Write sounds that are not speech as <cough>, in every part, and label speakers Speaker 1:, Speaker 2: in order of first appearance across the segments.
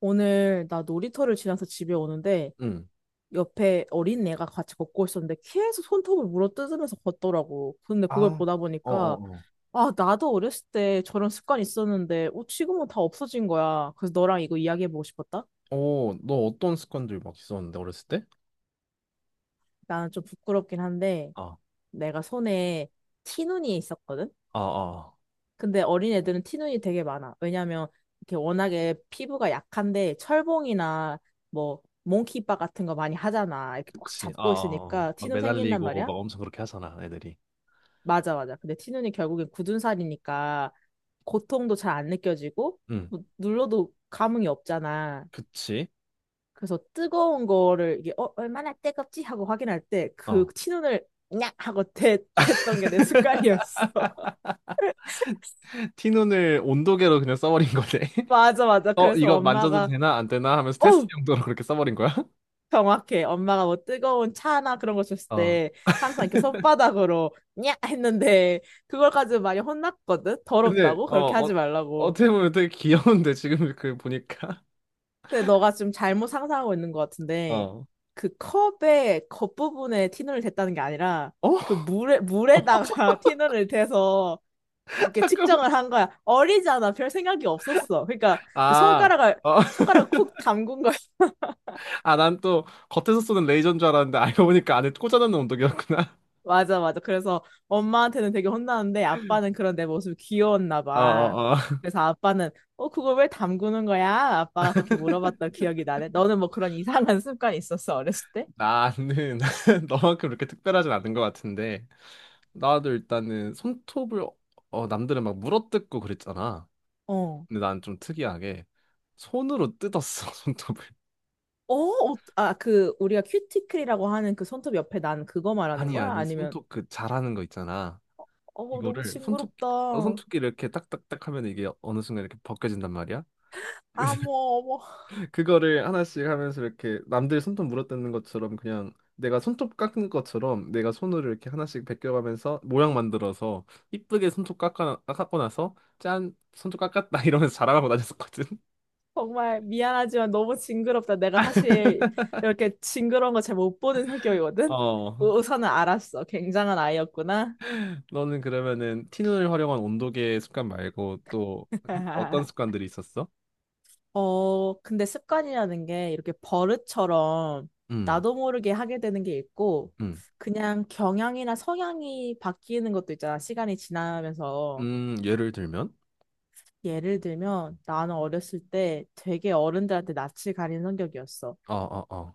Speaker 1: 오늘 나 놀이터를 지나서 집에 오는데
Speaker 2: 응.
Speaker 1: 옆에 어린 애가 같이 걷고 있었는데 계속 손톱을 물어뜯으면서 걷더라고. 근데 그걸
Speaker 2: 아,
Speaker 1: 보다
Speaker 2: 어어,
Speaker 1: 보니까
Speaker 2: 어.
Speaker 1: 아, 나도 어렸을 때 저런 습관이 있었는데 지금은 다 없어진 거야. 그래서 너랑 이거 이야기해보고 싶었다.
Speaker 2: 오, 너 어떤 습관들 막 있었는데 어렸을 때?
Speaker 1: 나는 좀 부끄럽긴 한데
Speaker 2: 아,
Speaker 1: 내가 손에 티눈이 있었거든.
Speaker 2: 아, 아.
Speaker 1: 근데 어린 애들은 티눈이 되게 많아. 왜냐면 이렇게 워낙에 피부가 약한데 철봉이나 뭐 몽키바 같은 거 많이 하잖아. 이렇게 꽉
Speaker 2: 그치. 아, 아,
Speaker 1: 잡고
Speaker 2: 아.
Speaker 1: 있으니까
Speaker 2: 막
Speaker 1: 티눈 생긴단
Speaker 2: 매달리고 막
Speaker 1: 말이야.
Speaker 2: 엄청 그렇게 하잖아, 애들이.
Speaker 1: 맞아, 맞아. 근데 티눈이 결국엔 굳은 살이니까 고통도 잘 안 느껴지고
Speaker 2: 응.
Speaker 1: 뭐 눌러도 감흥이 없잖아.
Speaker 2: 그치?
Speaker 1: 그래서 뜨거운 거를 이게 얼마나 뜨겁지 하고 확인할 때 그
Speaker 2: 어.
Speaker 1: 티눈을 냐 하고 댔던 게 내
Speaker 2: <laughs>
Speaker 1: 습관이었어. <laughs>
Speaker 2: 티눈을 온도계로 그냥 써버린 거네. <laughs>
Speaker 1: 맞아, 맞아.
Speaker 2: 어,
Speaker 1: 그래서
Speaker 2: 이거 만져도
Speaker 1: 엄마가
Speaker 2: 되나 안 되나 하면서 테스트
Speaker 1: 어!
Speaker 2: 용도로 그렇게 써버린 거야? <laughs>
Speaker 1: 정확해. 엄마가 뭐 뜨거운 차나 그런 거 줬을
Speaker 2: 어.
Speaker 1: 때 항상 이렇게 손바닥으로 냐 했는데 그걸 가지고 많이 혼났거든.
Speaker 2: 근데
Speaker 1: 더럽다고 그렇게 하지 말라고.
Speaker 2: 어떻게 보면 되게 귀여운데 지금 그 보니까.
Speaker 1: 근데 너가 좀 잘못 상상하고 있는 것 같은데
Speaker 2: 어.
Speaker 1: 그 컵의 겉부분에 티눈을 댔다는 게 아니라
Speaker 2: 어?
Speaker 1: 그 물에
Speaker 2: <laughs>
Speaker 1: 물에다가 <laughs> 티눈을 대서 이렇게
Speaker 2: 잠깐만.
Speaker 1: 측정을 한 거야. 어리잖아. 별 생각이 없었어. 그러니까 그
Speaker 2: 아,
Speaker 1: 손가락을
Speaker 2: 어.
Speaker 1: 손가락을 쿡
Speaker 2: <laughs>
Speaker 1: 담근
Speaker 2: 아, 난 또 겉에서 쏘는 레이저인 줄 알았는데 알고 보니까 안에 꽂아놓는 운동이었구나.
Speaker 1: 맞아, 맞아. 그래서 엄마한테는 되게 혼나는데 아빠는 그런 내 모습이 귀여웠나
Speaker 2: <laughs> 어,
Speaker 1: 봐.
Speaker 2: 어, 어.
Speaker 1: 그래서 아빠는 그걸 왜 담그는 거야? 아빠가 그렇게 물어봤던 기억이 나네. 너는 뭐 그런 이상한 습관이 있었어, 어렸을 때?
Speaker 2: 나는 <laughs> 너만큼 그렇게 특별하진 않은 것 같은데. 나도 일단은 손톱을, 남들은 막 물어뜯고 그랬잖아.
Speaker 1: 어.
Speaker 2: 근데 난 좀 특이하게 손으로 뜯었어, <laughs> 손톱을.
Speaker 1: 어, 어, 아, 그, 우리가 큐티클이라고 하는 그 손톱 옆에 난 그거 말하는
Speaker 2: 아니,
Speaker 1: 거야?
Speaker 2: 아니,
Speaker 1: 아니면,
Speaker 2: 손톱 그 잘하는 거 있잖아.
Speaker 1: 어, 너무
Speaker 2: 이거를
Speaker 1: 징그럽다.
Speaker 2: 손톱끼 이렇게 딱딱딱 하면 이게 어느 순간 이렇게 벗겨진단 말이야.
Speaker 1: 아, 뭐, 어머,
Speaker 2: 그거를 하나씩 하면서 이렇게 남들 손톱 물어뜯는 것처럼 그냥 내가 손톱 깎는 것처럼 내가 손으로 이렇게 하나씩 벗겨가면서 모양 만들어서 이쁘게 손톱 깎고 나서 짠 손톱 깎았다 <laughs> 이러면서 자랑하고 다녔었거든.
Speaker 1: 정말 미안하지만 너무 징그럽다. 내가 사실 이렇게 징그러운 거 잘 못 보는 성격이거든?
Speaker 2: 어,
Speaker 1: 우선은 알았어. 굉장한 아이였구나.
Speaker 2: 너는 그러면은 티눈을 활용한 온도계 습관 말고 또 어떤
Speaker 1: <laughs>
Speaker 2: 습관들이 있었어?
Speaker 1: 어, 근데 습관이라는 게 이렇게 버릇처럼
Speaker 2: 음,
Speaker 1: 나도 모르게 하게 되는 게 있고,
Speaker 2: 음,
Speaker 1: 그냥 경향이나 성향이 바뀌는 것도 있잖아, 시간이 지나면서.
Speaker 2: 예를 들면?
Speaker 1: 예를 들면, 나는 어렸을 때 되게 어른들한테 낯을 가리는 성격이었어.
Speaker 2: 어, 어, 어.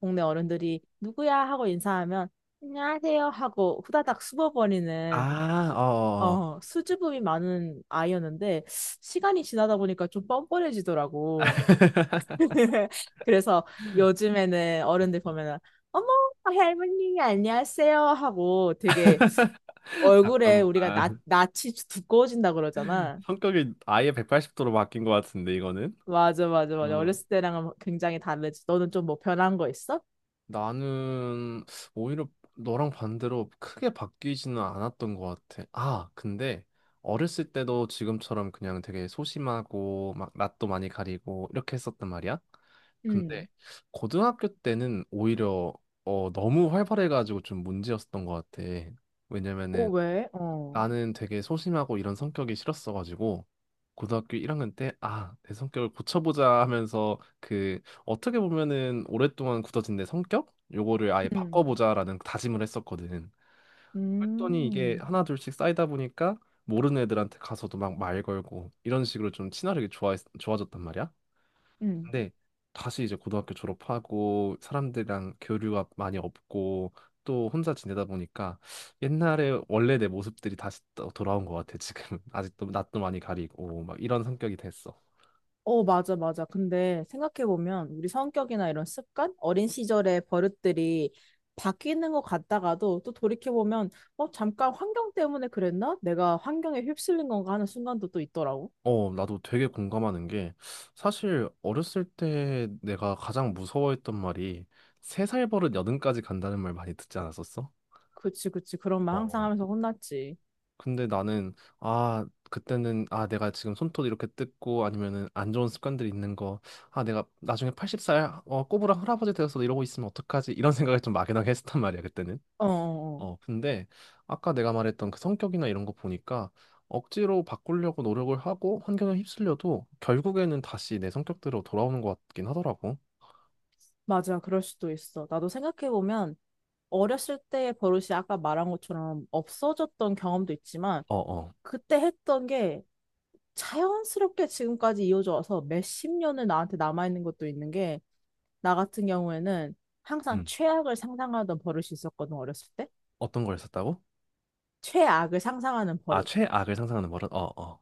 Speaker 1: 동네 어른들이 누구야? 하고 인사하면, 안녕하세요? 하고 후다닥 숨어버리는,
Speaker 2: 아,
Speaker 1: 수,
Speaker 2: 어, 어. 어.
Speaker 1: 수줍음이 많은 아이였는데, 시간이 지나다 보니까 좀 뻔뻔해지더라고.
Speaker 2: <laughs>
Speaker 1: <laughs> 그래서 요즘에는 어른들 보면은 어머 할머니 안녕하세요 하고 되게 얼굴에 우리가
Speaker 2: 잠깐만.
Speaker 1: 낯이 두꺼워진다 그러잖아.
Speaker 2: 성격이 아예 180도로 바뀐 것 같은데 이거는?
Speaker 1: 맞아 맞아
Speaker 2: 음.
Speaker 1: 맞아. 어렸을 때랑은 굉장히 다르지. 너는 좀 뭐 변한 거 있어?
Speaker 2: 나는 오히려 너랑 반대로 크게 바뀌지는 않았던 것 같아. 아, 근데 어렸을 때도 지금처럼 그냥 되게 소심하고 막 낯도 많이 가리고 이렇게 했었단 말이야. 근데
Speaker 1: 음.
Speaker 2: 고등학교 때는 오히려 너무 활발해가지고 좀 문제였었던 것 같아.
Speaker 1: 어
Speaker 2: 왜냐면은
Speaker 1: 왜? 어.
Speaker 2: 나는 되게 소심하고 이런 성격이 싫었어가지고 고등학교 1학년 때, 아, 내 성격을 고쳐보자 하면서, 그 어떻게 보면은 오랫동안 굳어진 내 성격, 요거를 아예
Speaker 1: 음.
Speaker 2: 바꿔보자라는 다짐을 했었거든. 그랬더니 이게
Speaker 1: 음.
Speaker 2: 하나 둘씩 쌓이다 보니까 모르는 애들한테 가서도 막 말 걸고 이런 식으로 좀 친화력이 좋아졌단 말이야.
Speaker 1: 음.
Speaker 2: 근데 다시 이제 고등학교 졸업하고 사람들이랑 교류가 많이 없고 또 혼자 지내다 보니까 옛날에 원래 내 모습들이 다시 또 돌아온 것 같아, 지금. <laughs> 아직도 낯도 많이 가리고 막 이런 성격이 됐어.
Speaker 1: 어, 맞아, 맞아. 근데 생각해보면 우리 성격이나 이런 습관, 어린 시절의 버릇들이 바뀌는 것 같다가도 또 돌이켜보면, 어, 잠깐 환경 때문에 그랬나? 내가 환경에 휩쓸린 건가 하는 순간도 또 있더라고.
Speaker 2: 어, 나도 되게 공감하는 게, 사실 어렸을 때 내가 가장 무서워했던 말이 세 살 버릇 여든까지 간다는 말, 많이 듣지 않았었어?
Speaker 1: 그치, 그치. 그런
Speaker 2: 어,
Speaker 1: 말 항상
Speaker 2: 어.
Speaker 1: 하면서 혼났지.
Speaker 2: 근데 나는, 아, 그때는, 아, 내가 지금 손톱 이렇게 뜯고 아니면은 안 좋은 습관들이 있는 거, 아, 내가 나중에 80살 꼬부랑 할아버지 되어서 이러고 있으면 어떡하지, 이런 생각을 좀 막연하게 <laughs> 했단 었 말이야, 그때는.
Speaker 1: 어, 어, 어.
Speaker 2: 어, 근데 아까 내가 말했던 그 성격이나 이런 거 보니까 억지로 바꾸려고 노력을 하고 환경에 휩쓸려도 결국에는 다시 내 성격대로 돌아오는 것 같긴 하더라고.
Speaker 1: 맞아. 그럴 수도 있어. 나도 생각해보면 어렸을 때의 버릇이 아까 말한 것처럼 없어졌던 경험도 있지만,
Speaker 2: 어어.
Speaker 1: 그때 했던 게 자연스럽게 지금까지 이어져 와서 몇 십 년을 나한테 남아있는 것도 있는 게 나 같은 경우에는 항상
Speaker 2: 음
Speaker 1: 최악을 상상하던 버릇이 있었거든, 어렸을 때.
Speaker 2: 어떤 걸 했었다고?
Speaker 1: 최악을 상상하는
Speaker 2: 아,
Speaker 1: 버릇.
Speaker 2: 최악을 상상하는 버릇. 어어.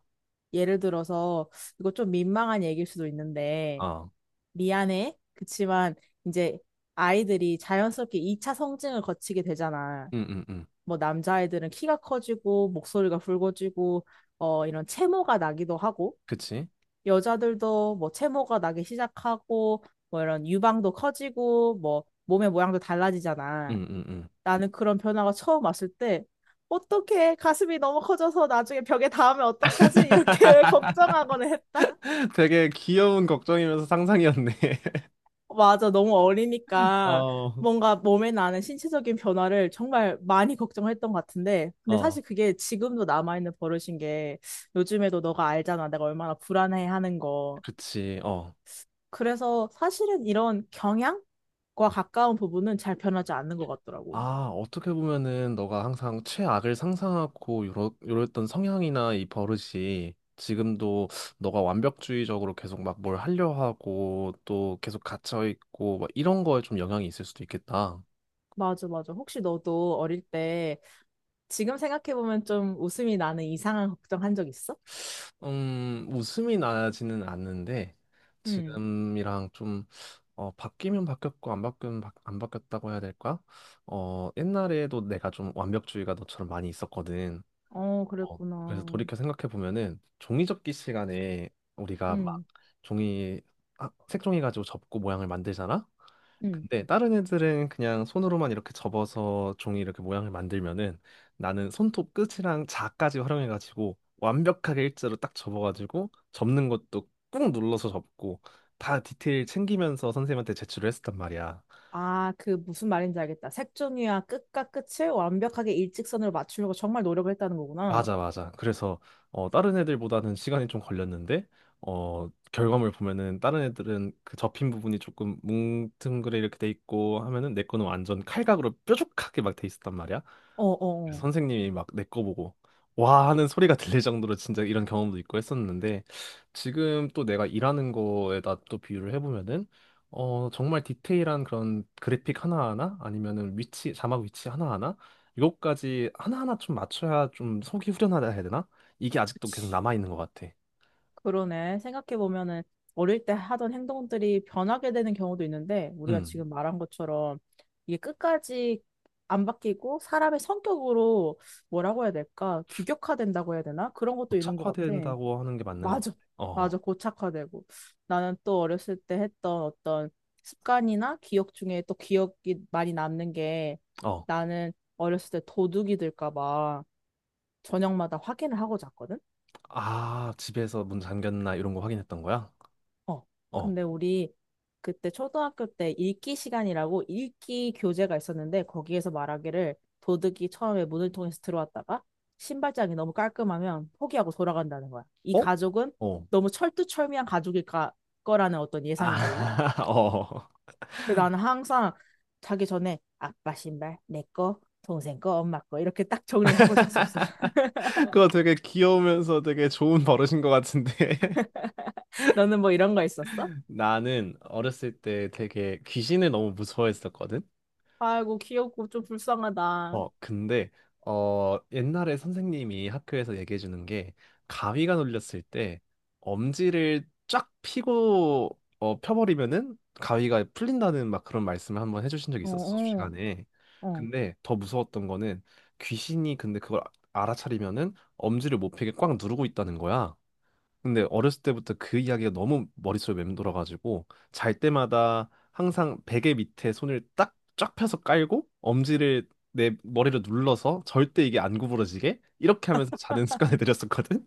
Speaker 1: 예를 들어서, 이거 좀 민망한 얘기일 수도 있는데,
Speaker 2: 어.
Speaker 1: 미안해. 그치만, 이제 아이들이 자연스럽게 2차 성징을 거치게 되잖아.
Speaker 2: 응응응.
Speaker 1: 뭐, 남자아이들은 키가 커지고, 목소리가 굵어지고, 어, 이런 체모가 나기도 하고,
Speaker 2: 그치?
Speaker 1: 여자들도 뭐 체모가 나기 시작하고, 뭐 이런 유방도 커지고, 뭐, 몸의 모양도 달라지잖아.
Speaker 2: 응응응.
Speaker 1: 나는 그런 변화가 처음 왔을 때 어떡해 가슴이 너무 커져서 나중에 벽에 닿으면 어떡하지? 이렇게 <laughs> 걱정하거나
Speaker 2: <laughs>
Speaker 1: 했다.
Speaker 2: 되게 귀여운 걱정이면서 상상이었네. <laughs>
Speaker 1: 맞아 너무 어리니까
Speaker 2: 어,
Speaker 1: 뭔가 몸에 나는 신체적인 변화를 정말 많이 걱정했던 것 같은데 근데
Speaker 2: 어,
Speaker 1: 사실 그게 지금도 남아있는 버릇인 게 요즘에도 너가 알잖아 내가 얼마나 불안해하는 거.
Speaker 2: 그치, 어.
Speaker 1: 그래서 사실은 이런 경향? 과 가까운 부분은 잘 변하지 않는 것 같더라고.
Speaker 2: 아, 어떻게 보면은 너가 항상 최악을 상상하고 요랬던 성향이나 이 버릇이 지금도 너가 완벽주의적으로 계속 막 뭘 하려 하고 또 계속 갇혀있고 막 이런 거에 좀 영향이 있을 수도 있겠다.
Speaker 1: 맞아, 맞아. 혹시 너도 어릴 때 지금 생각해보면 좀 웃음이 나는 이상한 걱정한 적 있어?
Speaker 2: 웃음이 나지는 않는데
Speaker 1: 응.
Speaker 2: 지금이랑 좀 바뀌면 바뀌었고 안 바뀌면 안 바뀌었다고 해야 될까? 어, 옛날에도 내가 좀 완벽주의가 너처럼 많이 있었거든.
Speaker 1: 어,
Speaker 2: 어,
Speaker 1: 그랬구나.
Speaker 2: 그래서 돌이켜 생각해 보면은 종이접기 시간에 우리가 막
Speaker 1: 응,
Speaker 2: 종이 색종이 가지고 접고 모양을 만들잖아.
Speaker 1: 응.
Speaker 2: 근데 다른 애들은 그냥 손으로만 이렇게 접어서 종이 이렇게 모양을 만들면은, 나는 손톱 끝이랑 자까지 활용해가지고 완벽하게 일자로 딱 접어가지고 접는 것도 꾹 눌러서 접고 다 디테일 챙기면서 선생님한테 제출을 했었단 말이야.
Speaker 1: 아, 그 무슨 말인지 알겠다. 색종이와 끝과 끝을 완벽하게 일직선으로 맞추려고 정말 노력을 했다는 거구나.
Speaker 2: 맞아, 맞아. 그래서 어, 다른 애들보다는 시간이 좀 걸렸는데, 어, 결과물 보면은 다른 애들은 그 접힌 부분이 조금 뭉텅그레 이렇게 돼 있고 하면은 내 거는 완전 칼각으로 뾰족하게 막 돼 있었단 말이야.
Speaker 1: 어, 어,
Speaker 2: 그래서
Speaker 1: 어.
Speaker 2: 선생님이 막 내 거 보고 와 하는 소리가 <laughs> 들릴 정도로 진짜 이런 경험도 있고 했었는데, 지금 또 내가 일하는 거에다 또 비유를 해보면은 어, 정말 디테일한 그런 그래픽 하나하나 아니면은 위치 자막 위치 하나하나, 이것까지 하나하나 좀 맞춰야 좀 속이 후련하다 해야 되나? 이게 아직도 계속 남아 있는 것 같아.
Speaker 1: 그러네. 생각해보면은 어릴 때 하던 행동들이 변하게 되는 경우도 있는데, 우리가
Speaker 2: 음
Speaker 1: 지금 말한 것처럼 이게 끝까지 안 바뀌고 사람의 성격으로 뭐라고 해야 될까? 규격화된다고 해야 되나? 그런 것도 있는 것 같아.
Speaker 2: 고착화된다고 하는 게 맞는 것 같아.
Speaker 1: 맞아.
Speaker 2: 어,
Speaker 1: 맞아. 고착화되고. 나는 또 어렸을 때 했던 어떤 습관이나 기억 중에 또 기억이 많이 남는 게
Speaker 2: 어.
Speaker 1: 나는 어렸을 때 도둑이 들까 봐 저녁마다 확인을 하고 잤거든?
Speaker 2: 아, 집에서 문 잠겼나 이런 거 확인했던 거야?
Speaker 1: 어.
Speaker 2: 어.
Speaker 1: 근데 우리 그때 초등학교 때 읽기 시간이라고 읽기 교재가 있었는데 거기에서 말하기를 도둑이 처음에 문을 통해서 들어왔다가 신발장이 너무 깔끔하면 포기하고 돌아간다는 거야. 이
Speaker 2: 어?
Speaker 1: 가족은
Speaker 2: 어.
Speaker 1: 너무 철두철미한 거라는 어떤 예상인 거지.
Speaker 2: 아, <laughs> 어.
Speaker 1: 그래서 나는 항상 자기 전에 아빠 신발 내 거, 동생 거, 엄마 거 이렇게 딱 정리를 하고 잤었어.
Speaker 2: 그거 되게 귀여우면서 되게 좋은 버릇인 것 같은데.
Speaker 1: <laughs> 너는 뭐 이런 거 있었어?
Speaker 2: <laughs> 나는 어렸을 때 되게 귀신을 너무 무서워했었거든.
Speaker 1: 아이고 귀엽고 좀 불쌍하다.
Speaker 2: 어, 근데 옛날에 선생님이 학교에서 얘기해 주는 게, 가위가 눌렸을 때 엄지를 쫙 펴고 펴버리면은 가위가 풀린다는 막 그런 말씀을 한번 해주신 적이
Speaker 1: 어,
Speaker 2: 있었어, 수업
Speaker 1: 어,
Speaker 2: 시간에.
Speaker 1: 어.
Speaker 2: 근데 더 무서웠던 거는, 귀신이 근데 그걸 알아차리면은 엄지를 못 펴게 꽉 누르고 있다는 거야. 근데 어렸을 때부터 그 이야기가 너무 머릿속에 맴돌아가지고 잘 때마다 항상 베개 밑에 손을 딱 쫙 펴서 깔고 엄지를 내 머리를 눌러서 절대 이게 안 구부러지게 이렇게 하면서 자는 <laughs> 습관을 들였었거든.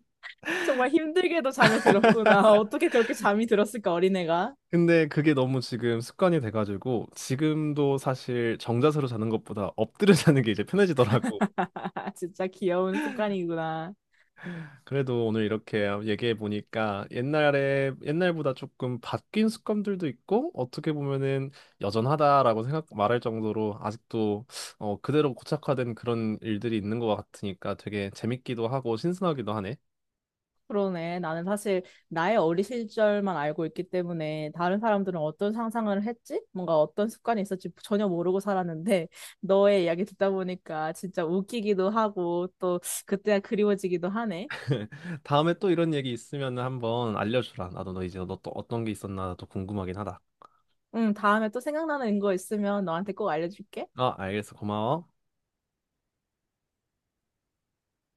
Speaker 1: 정말 힘들게도 잠에 들었구나. <laughs> 어떻게 그렇게 잠이 들었을까, 어린애가.
Speaker 2: 근데 그게 너무 지금 습관이 돼가지고 지금도 사실 정자세로 자는 것보다 엎드려 자는 게 이제 편해지더라고.
Speaker 1: <laughs> 진짜 귀여운 습관이구나.
Speaker 2: 그래도 오늘 이렇게 얘기해 보니까 옛날에 옛날보다 조금 바뀐 습관들도 있고, 어떻게 보면은 여전하다라고 생각 말할 정도로 아직도 그대로 고착화된 그런 일들이 있는 것 같으니까 되게 재밌기도 하고 신선하기도 하네.
Speaker 1: 그러네. 나는 사실 나의 어린 시절만 알고 있기 때문에 다른 사람들은 어떤 상상을 했지? 뭔가 어떤 습관이 있었지 전혀 모르고 살았는데 <laughs> 너의 이야기 듣다 보니까 진짜 웃기기도 하고 또 그때가 그리워지기도 하네.
Speaker 2: <laughs> 다음에 또 이런 얘기 있으면 한번 알려주라. 나도 너 이제 너 또 어떤 게 있었나 또 궁금하긴 하다.
Speaker 1: 응, 다음에 또 생각나는 거 있으면 너한테 꼭 알려줄게.
Speaker 2: 아, 알겠어. 고마워.